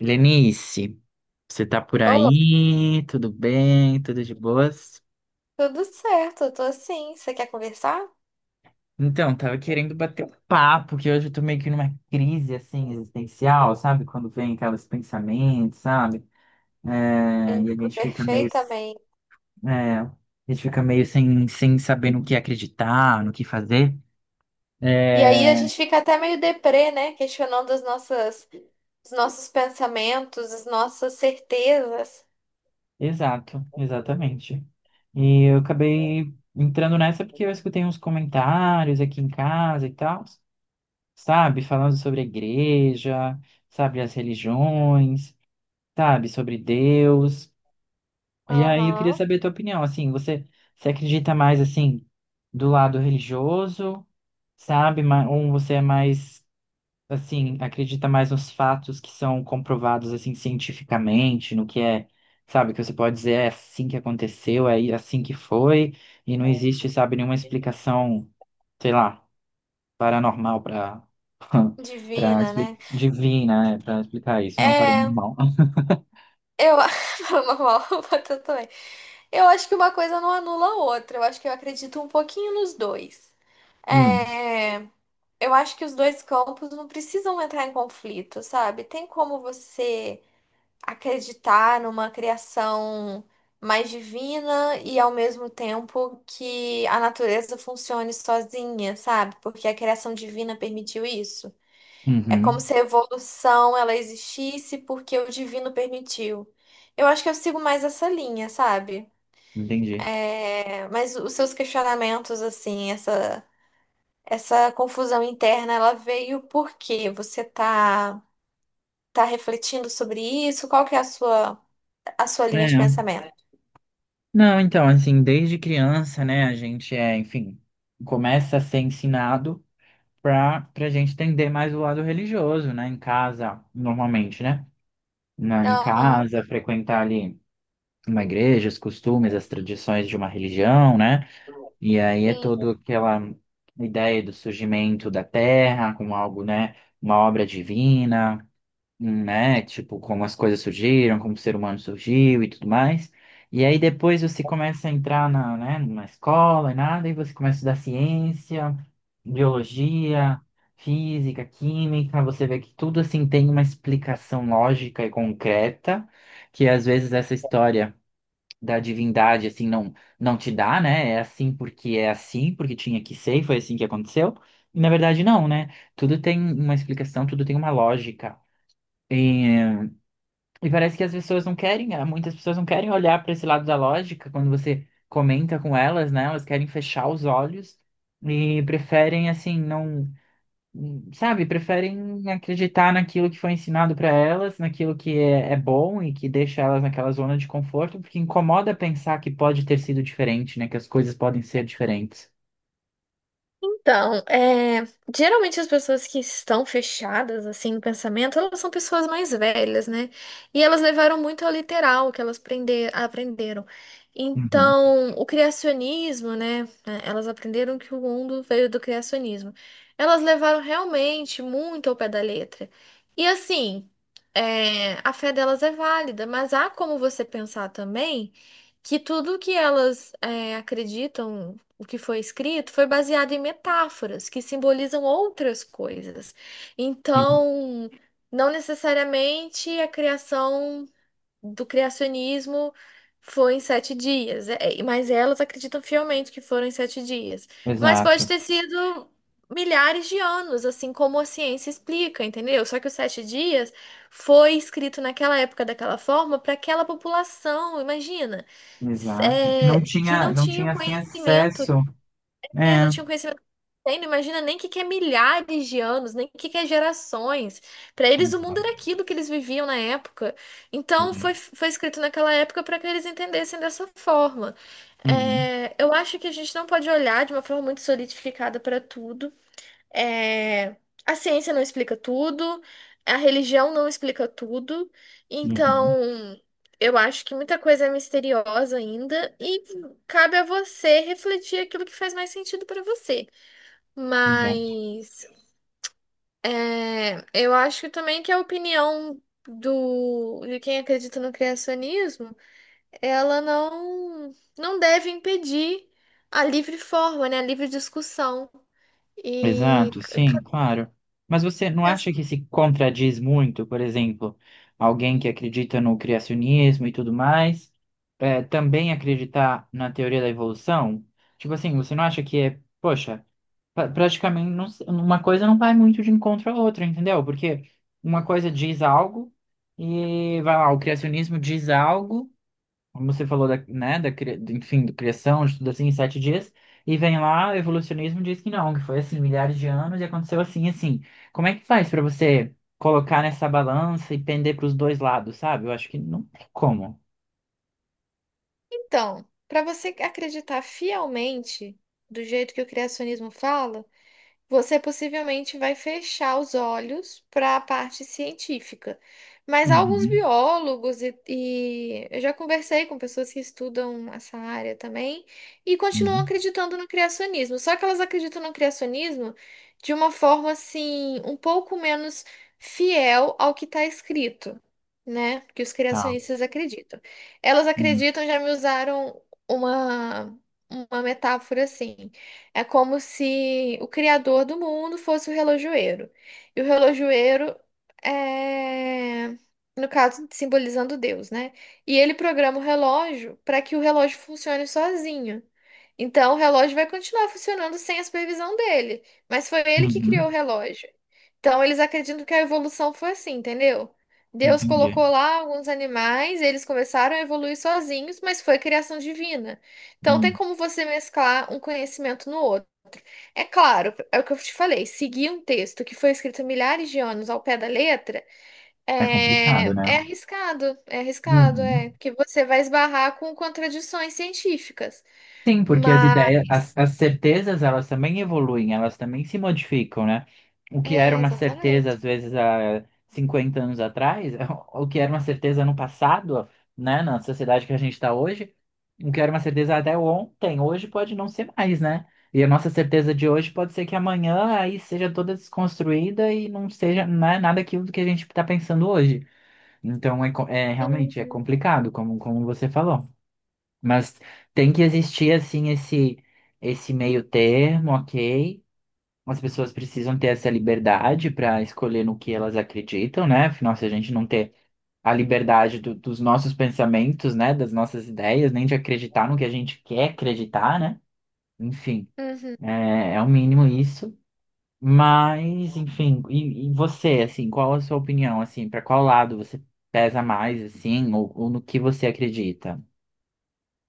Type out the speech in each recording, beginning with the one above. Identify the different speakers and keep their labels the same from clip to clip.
Speaker 1: Lenice, você tá por
Speaker 2: Oh,
Speaker 1: aí? Tudo bem? Tudo de boas?
Speaker 2: tudo certo, eu tô assim. Você quer conversar?
Speaker 1: Então, tava querendo bater um papo, que hoje eu tô meio que numa crise, assim, existencial, sabe? Quando vem aqueles pensamentos, sabe? E a
Speaker 2: Entendo
Speaker 1: gente fica
Speaker 2: perfeitamente.
Speaker 1: é, a meio sem saber no que acreditar, no que fazer.
Speaker 2: E
Speaker 1: É,
Speaker 2: aí a gente fica até meio deprê, né? Questionando as nossas, os nossos pensamentos, as nossas certezas.
Speaker 1: exatamente. E eu acabei entrando nessa porque eu escutei uns comentários aqui em casa e tal. Sabe? Falando sobre a igreja, sabe? As religiões, sabe? Sobre Deus. E aí eu queria
Speaker 2: Aham.
Speaker 1: saber a tua opinião, assim, você acredita mais, assim, do lado religioso, sabe? Ou você é mais, assim, acredita mais nos fatos que são comprovados, assim, cientificamente, no que é, sabe? Que você pode dizer é assim que aconteceu, é assim que foi, e não existe, sabe, nenhuma explicação, sei lá paranormal para
Speaker 2: Divina,
Speaker 1: explicar
Speaker 2: né?
Speaker 1: divina, é, para explicar isso, não
Speaker 2: É,
Speaker 1: paranormal.
Speaker 2: eu. Fala Normal, eu também. Eu acho que uma coisa não anula a outra. Eu acho que eu acredito um pouquinho nos dois.
Speaker 1: Hum,
Speaker 2: É. Eu acho que os dois campos não precisam entrar em conflito, sabe? Tem como você acreditar numa criação mais divina e ao mesmo tempo que a natureza funcione sozinha, sabe? Porque a criação divina permitiu isso. É como
Speaker 1: uhum,
Speaker 2: se a evolução ela existisse porque o divino permitiu. Eu acho que eu sigo mais essa linha, sabe?
Speaker 1: entendi.
Speaker 2: Mas os seus questionamentos, assim, essa. Essa confusão interna, ela veio porque você tá refletindo sobre isso? Qual que é a sua linha
Speaker 1: É,
Speaker 2: de pensamento?
Speaker 1: não, então, assim, desde criança, né, a gente é, enfim, começa a ser ensinado pra para gente entender mais o lado religioso, né, em casa, normalmente, né, em
Speaker 2: Aham,
Speaker 1: casa, frequentar ali uma igreja, os costumes, as tradições de uma religião, né. E aí é
Speaker 2: sim.
Speaker 1: toda aquela ideia do surgimento da Terra como algo, né, uma obra divina, né, tipo como as coisas surgiram, como o ser humano surgiu e tudo mais. E aí depois você começa a entrar na, né, numa escola e nada, e você começa a estudar ciência, biologia, física, química, você vê que tudo assim tem uma explicação lógica e concreta, que às vezes essa história da divindade, assim, não te dá, né? É assim, porque tinha que ser e foi assim que aconteceu. E, na verdade, não, né? Tudo tem uma explicação, tudo tem uma lógica. E, e parece que as pessoas não querem, muitas pessoas não querem olhar para esse lado da lógica quando você comenta com elas, né? Elas querem fechar os olhos e preferem, assim, não sabe, preferem acreditar naquilo que foi ensinado para elas, naquilo que é, é bom e que deixa elas naquela zona de conforto, porque incomoda pensar que pode ter sido diferente, né? Que as coisas podem ser diferentes.
Speaker 2: Então, geralmente as pessoas que estão fechadas assim no pensamento, elas são pessoas mais velhas, né? E elas levaram muito ao literal o que elas aprenderam.
Speaker 1: Uhum.
Speaker 2: Então, o criacionismo, né? Elas aprenderam que o mundo veio do criacionismo. Elas levaram realmente muito ao pé da letra. E assim, é, a fé delas é válida, mas há como você pensar também que tudo que elas acreditam o que foi escrito foi baseado em metáforas que simbolizam outras coisas.
Speaker 1: Uhum.
Speaker 2: Então, não necessariamente a criação do criacionismo foi em sete dias, mas elas acreditam fielmente que foram em sete dias. Mas
Speaker 1: Exato,
Speaker 2: pode ter sido milhares de anos, assim como a ciência explica, entendeu? Só que os sete dias foi escrito naquela época daquela forma para aquela população, imagina
Speaker 1: exato. Não
Speaker 2: que
Speaker 1: tinha,
Speaker 2: não
Speaker 1: não
Speaker 2: tinha o
Speaker 1: tinha assim
Speaker 2: conhecimento
Speaker 1: acesso.
Speaker 2: é, não
Speaker 1: É.
Speaker 2: tinha um conhecimento. Tem, imagina nem que é milhares de anos, nem que é gerações. Para eles o mundo era
Speaker 1: Exato.
Speaker 2: aquilo que eles viviam na época. Então
Speaker 1: Uhum.
Speaker 2: foi escrito naquela época para que eles entendessem dessa forma.
Speaker 1: Uhum.
Speaker 2: Eu acho que a gente não pode olhar de uma forma muito solidificada para tudo. É, a ciência não explica tudo, a religião não explica tudo,
Speaker 1: Uhum.
Speaker 2: então eu acho que muita coisa é misteriosa ainda e cabe a você refletir aquilo que faz mais sentido para você.
Speaker 1: Exato.
Speaker 2: Mas é, eu acho também que a opinião de quem acredita no criacionismo, ela não deve impedir a livre forma, né, a livre discussão. E
Speaker 1: Exato, sim, claro. Mas você não acha que se contradiz muito, por exemplo, alguém que acredita no criacionismo e tudo mais, é, também acreditar na teoria da evolução? Tipo assim, você não acha que é, poxa, praticamente uma coisa não vai muito de encontro à outra, entendeu? Porque uma coisa diz algo e vai lá, o criacionismo diz algo como você falou da, né, enfim, do criação, de tudo assim, em 7 dias, e vem lá, o evolucionismo e diz que não, que foi assim, milhares de anos e aconteceu assim, assim. Como é que faz para você colocar nessa balança e pender para os dois lados, sabe? Eu acho que não tem como.
Speaker 2: então, para você acreditar fielmente do jeito que o criacionismo fala, você possivelmente vai fechar os olhos para a parte científica. Mas alguns
Speaker 1: Uhum,
Speaker 2: biólogos e eu já conversei com pessoas que estudam essa área também e continuam
Speaker 1: uhum,
Speaker 2: acreditando no criacionismo. Só que elas acreditam no criacionismo de uma forma assim, um pouco menos fiel ao que está escrito, né? Que os
Speaker 1: tá.
Speaker 2: criacionistas acreditam. Elas
Speaker 1: Uhum,
Speaker 2: acreditam, já me usaram uma, uma metáfora assim. É como se o criador do mundo fosse o relojoeiro. E o relojoeiro é, no caso, simbolizando Deus, né? E ele programa o relógio para que o relógio funcione sozinho. Então, o relógio vai continuar funcionando sem a supervisão dele, mas foi ele que criou
Speaker 1: uhum,
Speaker 2: o relógio. Então, eles acreditam que a evolução foi assim, entendeu? Deus
Speaker 1: entendi.
Speaker 2: colocou lá alguns animais, eles começaram a evoluir sozinhos, mas foi criação divina. Então, tem
Speaker 1: Hum,
Speaker 2: como você mesclar um conhecimento no outro. É claro, é o que eu te falei. Seguir um texto que foi escrito há milhares de anos ao pé da letra
Speaker 1: é complicado, né?
Speaker 2: é arriscado, é arriscado,
Speaker 1: Uhum.
Speaker 2: é que você vai esbarrar com contradições científicas.
Speaker 1: Sim, porque as
Speaker 2: Mas
Speaker 1: ideias, as certezas, elas também evoluem, elas também se modificam, né? O que era
Speaker 2: é
Speaker 1: uma certeza,
Speaker 2: exatamente.
Speaker 1: às vezes, há 50 anos atrás, o que era uma certeza no passado, né? Na sociedade que a gente está hoje, o que era uma certeza até ontem, hoje pode não ser mais, né? E a nossa certeza de hoje pode ser que amanhã aí seja toda desconstruída e não seja, né, nada aquilo do que a gente está pensando hoje. Então, é, é realmente é
Speaker 2: Uhum,
Speaker 1: complicado, como você falou. Mas tem que existir assim esse meio termo, ok? As pessoas precisam ter essa liberdade para escolher no que elas acreditam, né? Afinal, se a gente não ter a liberdade dos nossos pensamentos, né? Das nossas ideias, nem de acreditar no que a gente quer acreditar, né? Enfim,
Speaker 2: uhum.
Speaker 1: é o mínimo isso. Mas, enfim, e você, assim, qual a sua opinião, assim, para qual lado você pesa mais, assim, ou no que você acredita?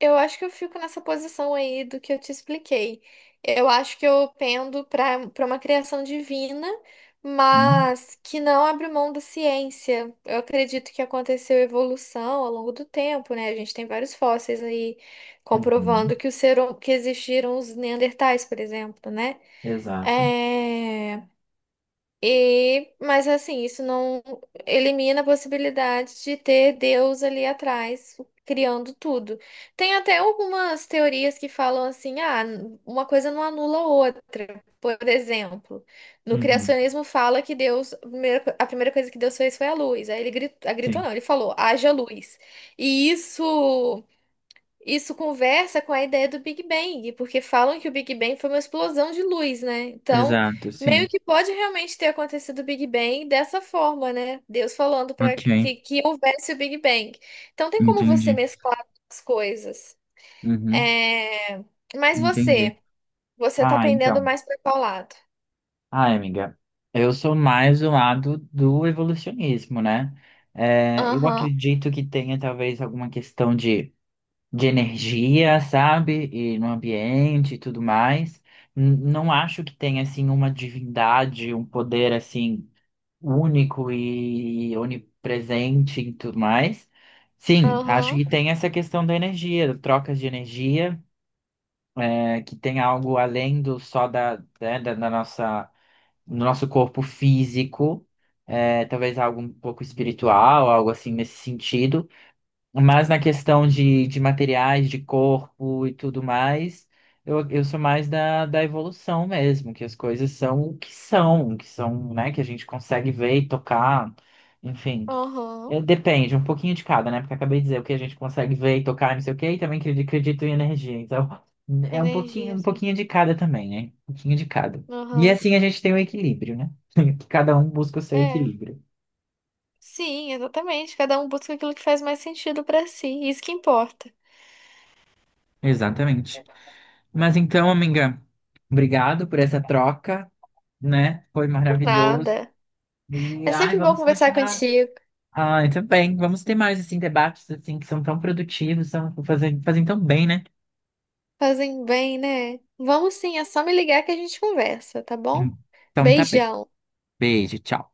Speaker 2: Eu acho que eu fico nessa posição aí do que eu te expliquei. Eu acho que eu pendo para uma criação divina,
Speaker 1: Hum,
Speaker 2: mas que não abre mão da ciência. Eu acredito que aconteceu evolução ao longo do tempo, né? A gente tem vários fósseis aí
Speaker 1: uhum,
Speaker 2: comprovando que que existiram os neandertais, por exemplo, né?
Speaker 1: exato.
Speaker 2: É, e, mas assim, isso não elimina a possibilidade de ter Deus ali atrás criando tudo. Tem até algumas teorias que falam assim, ah, uma coisa não anula a outra. Por exemplo, no
Speaker 1: Uhum,
Speaker 2: criacionismo fala que Deus, a primeira coisa que Deus fez foi a luz. Aí ele gritou, gritou
Speaker 1: sim.
Speaker 2: não, ele falou, haja luz. E isso conversa com a ideia do Big Bang, porque falam que o Big Bang foi uma explosão de luz, né? Então,
Speaker 1: Exato, sim.
Speaker 2: meio que pode realmente ter acontecido o Big Bang dessa forma, né? Deus falando para
Speaker 1: Ok,
Speaker 2: que, que houvesse o Big Bang. Então, tem como você
Speaker 1: entendi.
Speaker 2: mesclar as coisas.
Speaker 1: Uhum,
Speaker 2: É, Mas
Speaker 1: entendi.
Speaker 2: você, você tá
Speaker 1: Ah,
Speaker 2: pendendo
Speaker 1: então.
Speaker 2: mais para qual lado?
Speaker 1: Ah, amiga, eu sou mais do lado do evolucionismo, né? É, eu
Speaker 2: Aham,
Speaker 1: acredito que tenha talvez alguma questão de energia, sabe? E no ambiente e tudo mais. Não acho que tenha, assim, uma divindade, um poder, assim, único e onipresente e tudo mais. Sim, acho
Speaker 2: aham,
Speaker 1: que tem essa questão da energia, da troca de energia, é, que tem algo além do só da, né, da nossa, do nosso corpo físico, é, talvez algo um pouco espiritual, algo assim nesse sentido. Mas na questão de materiais, de corpo e tudo mais, eu sou mais da, da evolução mesmo, que as coisas são o que são, né, que a gente consegue ver e tocar, enfim.
Speaker 2: aham.
Speaker 1: É, depende, um pouquinho de cada, né? Porque eu acabei de dizer o que a gente consegue ver e tocar, não sei o quê, e também acredito em energia. Então, é
Speaker 2: Energia,
Speaker 1: um
Speaker 2: assim.
Speaker 1: pouquinho de cada também, né? Um pouquinho de cada. E
Speaker 2: Aham.
Speaker 1: assim a gente tem o equilíbrio, né? Que cada um busca o seu
Speaker 2: É.
Speaker 1: equilíbrio.
Speaker 2: Sim, exatamente. Cada um busca aquilo que faz mais sentido pra si. Isso que importa.
Speaker 1: Exatamente. Mas então, amiga, obrigado por essa troca, né? Foi maravilhoso.
Speaker 2: Nada.
Speaker 1: E
Speaker 2: É
Speaker 1: ai,
Speaker 2: sempre bom
Speaker 1: vamos
Speaker 2: conversar
Speaker 1: continuar.
Speaker 2: contigo.
Speaker 1: Ai, também. Vamos ter mais assim debates assim que são tão produtivos, são fazem, fazem tão bem, né?
Speaker 2: Fazem bem, né? Vamos sim, é só me ligar que a gente conversa, tá bom?
Speaker 1: Então tá bem.
Speaker 2: Beijão.
Speaker 1: Beijo, tchau.